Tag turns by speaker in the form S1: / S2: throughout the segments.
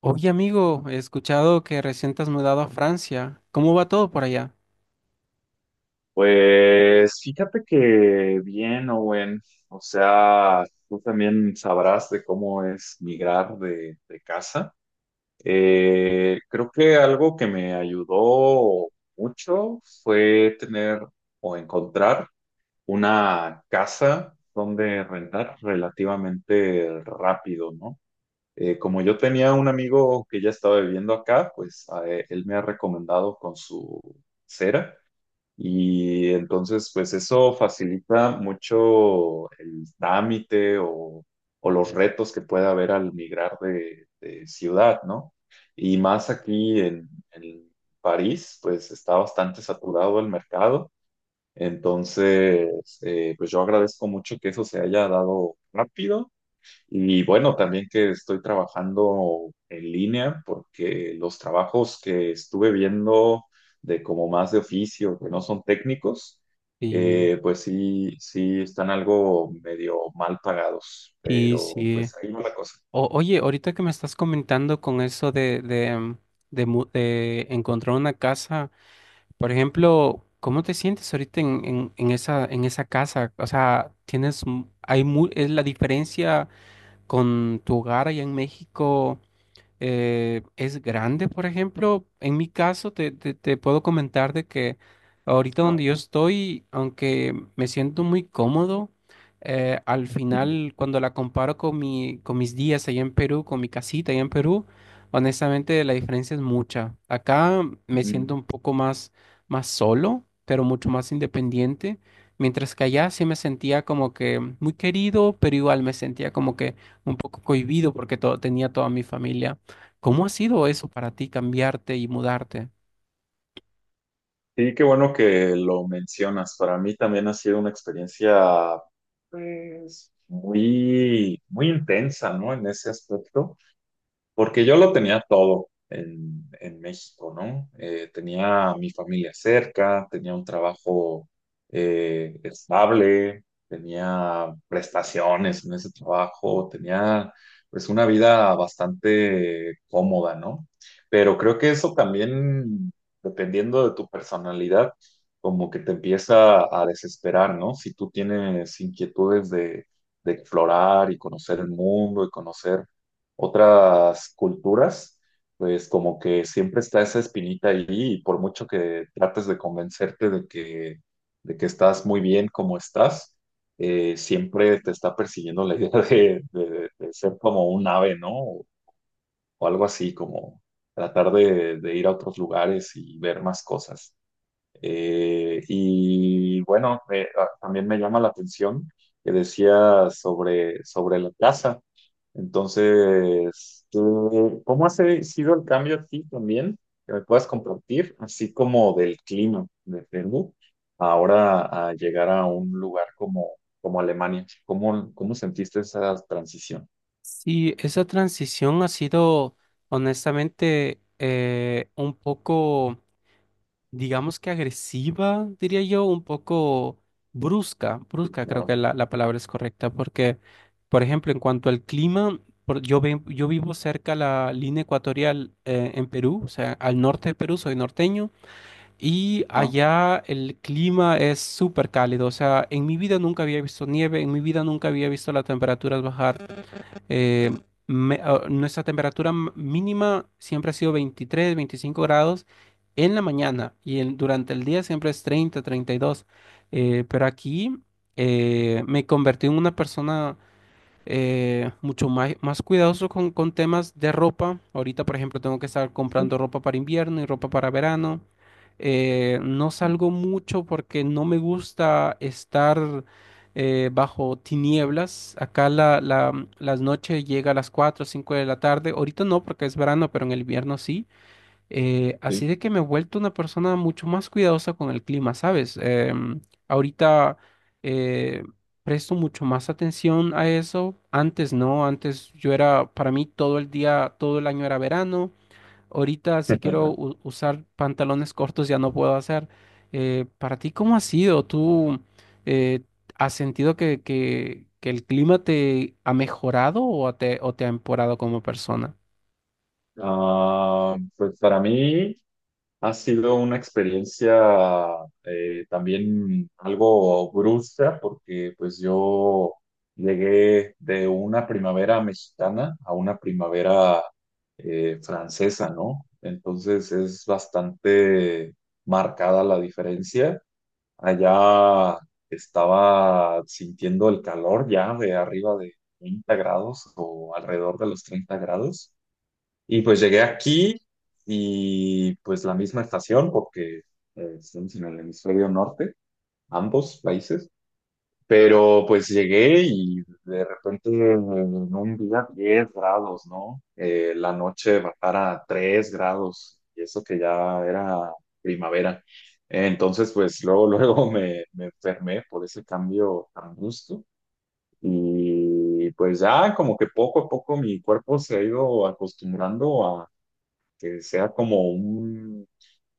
S1: Oye, amigo, he escuchado que recién te has mudado a Francia. ¿Cómo va todo por allá?
S2: Pues fíjate que bien, Owen. O sea, tú también sabrás de cómo es migrar de casa. Creo que algo que me ayudó mucho fue tener o encontrar una casa donde rentar relativamente rápido, ¿no? Como yo tenía un amigo que ya estaba viviendo acá, pues a él me ha recomendado con su cera. Y entonces, pues eso facilita mucho el trámite o los retos que pueda haber al migrar de ciudad, ¿no? Y más aquí en París, pues está bastante saturado el mercado. Entonces, pues yo agradezco mucho que eso se haya dado rápido y bueno, también que estoy trabajando en línea porque los trabajos que estuve viendo de como más de oficio, que no son técnicos,
S1: Sí,
S2: pues sí, sí están algo medio mal pagados,
S1: sí,
S2: pero
S1: sí.
S2: pues ahí va la cosa,
S1: Oye, ahorita que me estás comentando con eso de, de encontrar una casa, por ejemplo, ¿cómo te sientes ahorita en, en esa casa? O sea, tienes, es la diferencia con tu hogar allá en México. Es grande, por ejemplo. En mi caso, te, te puedo comentar de que ahorita donde
S2: ¿no?
S1: yo estoy, aunque me siento muy cómodo, al
S2: Ujú,
S1: final cuando la comparo con mi, con mis días allá en Perú, con mi casita allá en Perú, honestamente la diferencia es mucha. Acá me
S2: ujú.
S1: siento un poco más, más solo, pero mucho más independiente. Mientras que allá sí me sentía como que muy querido, pero igual me sentía como que un poco cohibido porque todo, tenía toda mi familia. ¿Cómo ha sido eso para ti cambiarte y mudarte?
S2: Sí, qué bueno que lo mencionas. Para mí también ha sido una experiencia, pues, muy, muy intensa, ¿no? En ese aspecto. Porque yo lo tenía todo en México, ¿no? Tenía a mi familia cerca, tenía un trabajo estable, tenía prestaciones en ese trabajo, tenía pues una vida bastante cómoda, ¿no? Pero creo que eso también, dependiendo de tu personalidad, como que te empieza a desesperar, ¿no? Si tú tienes inquietudes de explorar y conocer el mundo y conocer otras culturas, pues como que siempre está esa espinita ahí y por mucho que trates de convencerte de que estás muy bien como estás, siempre te está persiguiendo la idea de, de ser como un ave, ¿no? O algo así, como tratar de ir a otros lugares y ver más cosas. Y bueno, también me llama la atención que decía sobre la casa. Entonces, tú, ¿cómo ha sido el cambio aquí también? Que me puedas compartir, así como del clima de Perú, ahora a llegar a un lugar como, como Alemania. ¿Cómo, cómo sentiste esa transición?
S1: Sí, esa transición ha sido honestamente un poco, digamos que agresiva, diría yo, un poco brusca,
S2: Sí,
S1: brusca creo
S2: claro.
S1: que la palabra es correcta, porque, por ejemplo, en cuanto al clima, yo, yo vivo cerca a la línea ecuatorial en Perú, o sea, al norte de Perú, soy norteño. Y
S2: Ah,
S1: allá el clima es súper cálido, o sea, en mi vida nunca había visto nieve, en mi vida nunca había visto las temperaturas bajar. Eh, nuestra temperatura mínima siempre ha sido 23, 25 grados en la mañana y durante el día siempre es 30, 32. Pero aquí me convertí en una persona mucho más, más cuidadoso con temas de ropa. Ahorita, por ejemplo, tengo que estar comprando
S2: sí.
S1: ropa para invierno y ropa para verano. No salgo mucho porque no me gusta estar bajo tinieblas. Acá la, las noches llega a las 4 o 5 de la tarde. Ahorita no porque es verano, pero en el invierno sí. Así
S2: Sí.
S1: de que me he vuelto una persona mucho más cuidadosa con el clima, ¿sabes? Ahorita eh, presto mucho más atención a eso. Antes no, antes yo era, para mí todo el día, todo el año era verano. Ahorita si quiero usar pantalones cortos ya no puedo hacer. Para ti, ¿cómo ha sido? ¿Tú eh, has sentido que el clima te ha mejorado o te ha empeorado como persona?
S2: Ah, pues para mí. Ha sido una experiencia también algo brusca porque pues yo llegué de una primavera mexicana a una primavera francesa, ¿no? Entonces es bastante marcada la diferencia. Allá estaba sintiendo el calor ya de arriba de 30 grados o alrededor de los 30 grados. Y pues llegué aquí y pues la misma estación, porque estamos en el hemisferio norte, ambos países, pero pues llegué y de repente en un día 10 grados, ¿no? La noche bajar a 3 grados y eso que ya era primavera. Entonces pues luego, luego me enfermé por ese cambio tan brusco. Y pues ya como que poco a poco mi cuerpo se ha ido acostumbrando que sea como un,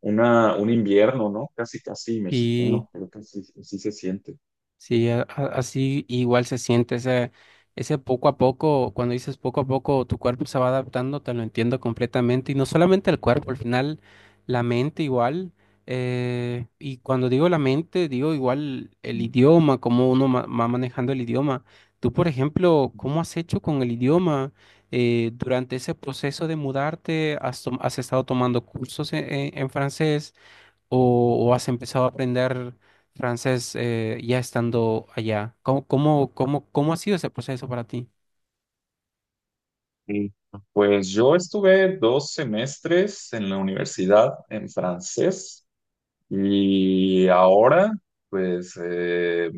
S2: una, un invierno, ¿no? Casi, casi
S1: Y
S2: mexicano, creo que sí sí se siente.
S1: sí, así igual se siente ese, ese poco a poco, cuando dices poco a poco, tu cuerpo se va adaptando, te lo entiendo completamente. Y no solamente el cuerpo, al final la mente igual. Y cuando digo la mente, digo igual el
S2: Mm.
S1: idioma, cómo uno va manejando el idioma. Tú, por ejemplo, ¿cómo has hecho con el idioma? Durante ese proceso de mudarte, ¿has, has estado tomando cursos en en francés? ¿O, o has empezado a aprender francés ya estando allá? ¿Cómo, cómo, cómo, cómo ha sido ese proceso para ti?
S2: Sí. Pues yo estuve 2 semestres en la universidad en francés y ahora, pues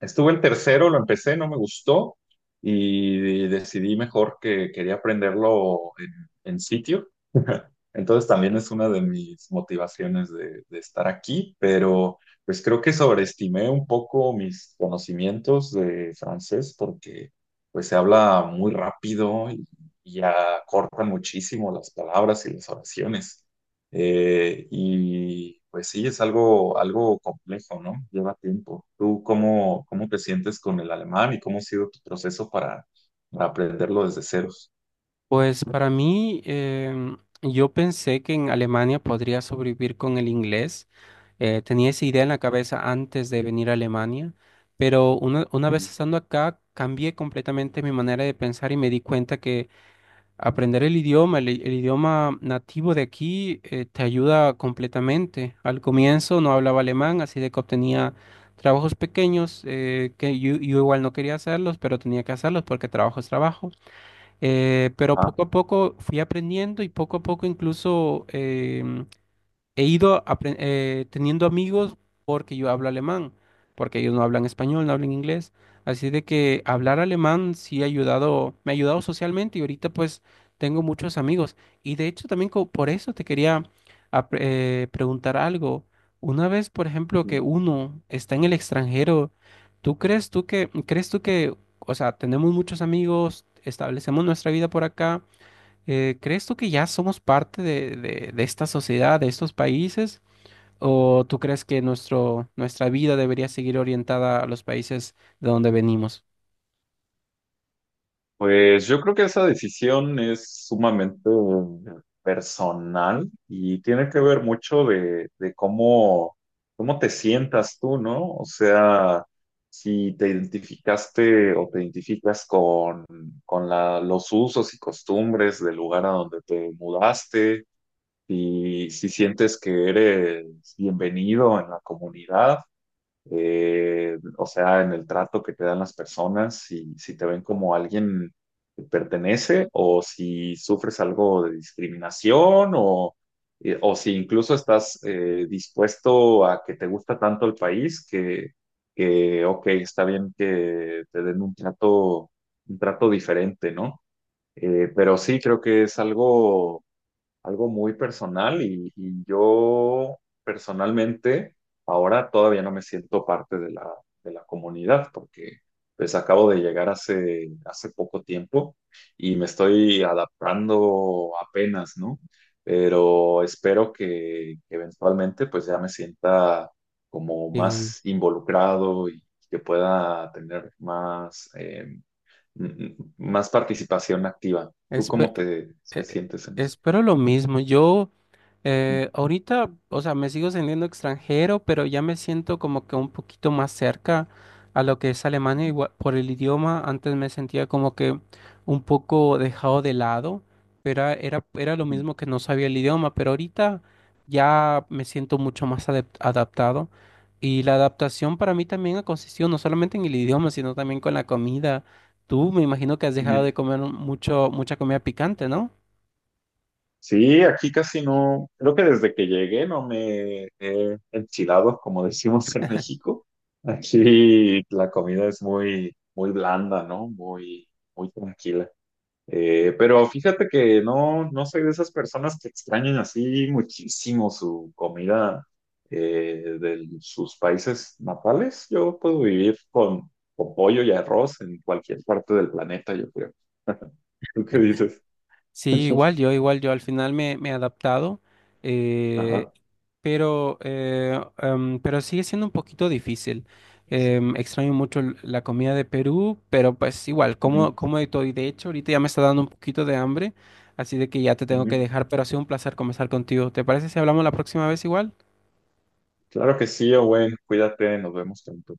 S2: estuve el tercero, lo empecé, no me gustó y decidí mejor que quería aprenderlo en sitio. Entonces también es una de mis motivaciones de estar aquí, pero pues creo que sobreestimé un poco mis conocimientos de francés porque pues se habla muy rápido y acortan muchísimo las palabras y las oraciones. Y pues sí, es algo, algo complejo, ¿no? Lleva tiempo. ¿Tú cómo, cómo te sientes con el alemán y cómo ha sido tu proceso para aprenderlo desde ceros?
S1: Pues para mí, yo pensé que en Alemania podría sobrevivir con el inglés. Tenía esa idea en la cabeza antes de venir a Alemania, pero una
S2: Mm.
S1: vez estando acá, cambié completamente mi manera de pensar y me di cuenta que aprender el idioma nativo de aquí te ayuda completamente. Al comienzo no hablaba alemán, así de que obtenía trabajos pequeños que yo igual no quería hacerlos, pero tenía que hacerlos porque trabajo es trabajo. Pero
S2: Ah.
S1: poco a poco fui aprendiendo y poco a poco incluso he ido teniendo amigos porque yo hablo alemán, porque ellos no hablan español, no hablan inglés. Así de que hablar alemán sí ha ayudado, me ha ayudado socialmente y ahorita pues tengo muchos amigos. Y de hecho también por eso te quería preguntar algo. Una vez, por ejemplo, que
S2: Mm.
S1: uno está en el extranjero, ¿tú crees tú que, o sea, tenemos muchos amigos, establecemos nuestra vida por acá? ¿Crees tú que ya somos parte de, de esta sociedad, de estos países? ¿O tú crees que nuestro, nuestra vida debería seguir orientada a los países de donde venimos?
S2: Pues yo creo que esa decisión es sumamente personal y tiene que ver mucho de cómo, cómo te sientas tú, ¿no? O sea, si te identificaste o te identificas con los usos y costumbres del lugar a donde te mudaste, y si sientes que eres bienvenido en la comunidad, o sea, en el trato que te dan las personas, si, si te ven como alguien que pertenece o si sufres algo de discriminación o si incluso estás dispuesto a que te gusta tanto el país que, ok, está bien que te den un trato diferente, ¿no? Pero sí, creo que es algo, algo muy personal y yo personalmente ahora todavía no me siento parte de la comunidad porque pues acabo de llegar hace, hace poco tiempo y me estoy adaptando apenas, ¿no? Pero espero que eventualmente pues ya me sienta como
S1: Y
S2: más involucrado y que pueda tener más, más participación activa. ¿Tú
S1: espe-
S2: cómo te, te
S1: eh,
S2: sientes en eso?
S1: espero lo mismo. Yo, ahorita, o sea, me sigo sintiendo extranjero, pero ya me siento como que un poquito más cerca a lo que es Alemania
S2: Ujú,
S1: igual, por el idioma. Antes me sentía como que un poco dejado de lado, pero era lo mismo que no sabía el idioma, pero ahorita ya me siento mucho más adaptado. Y la adaptación para mí también ha consistido no solamente en el idioma, sino también con la comida. Tú me imagino que has
S2: ujú.
S1: dejado de comer mucho, mucha comida picante, ¿no?
S2: Sí, aquí casi no, creo que desde que llegué no me he enchilado, como decimos en México. Aquí la comida es muy, muy blanda, ¿no? Muy, muy tranquila. Pero fíjate que no, no soy de esas personas que extrañan así muchísimo su comida de sus países natales. Yo puedo vivir con pollo y arroz en cualquier parte del planeta, yo creo. ¿Tú qué dices?
S1: Sí, igual yo al final me, me he adaptado, eh,
S2: Ajá.
S1: pero, pero sigue siendo un poquito difícil. Extraño mucho la comida de Perú, pero pues igual,
S2: Ujú,
S1: como, como de todo. Y de hecho, ahorita ya me está dando un poquito de hambre, así de que ya te tengo que
S2: ujú.
S1: dejar, pero ha sido un placer conversar contigo. ¿Te parece si hablamos la próxima vez igual?
S2: Claro que sí, Owen. Cuídate, nos vemos pronto.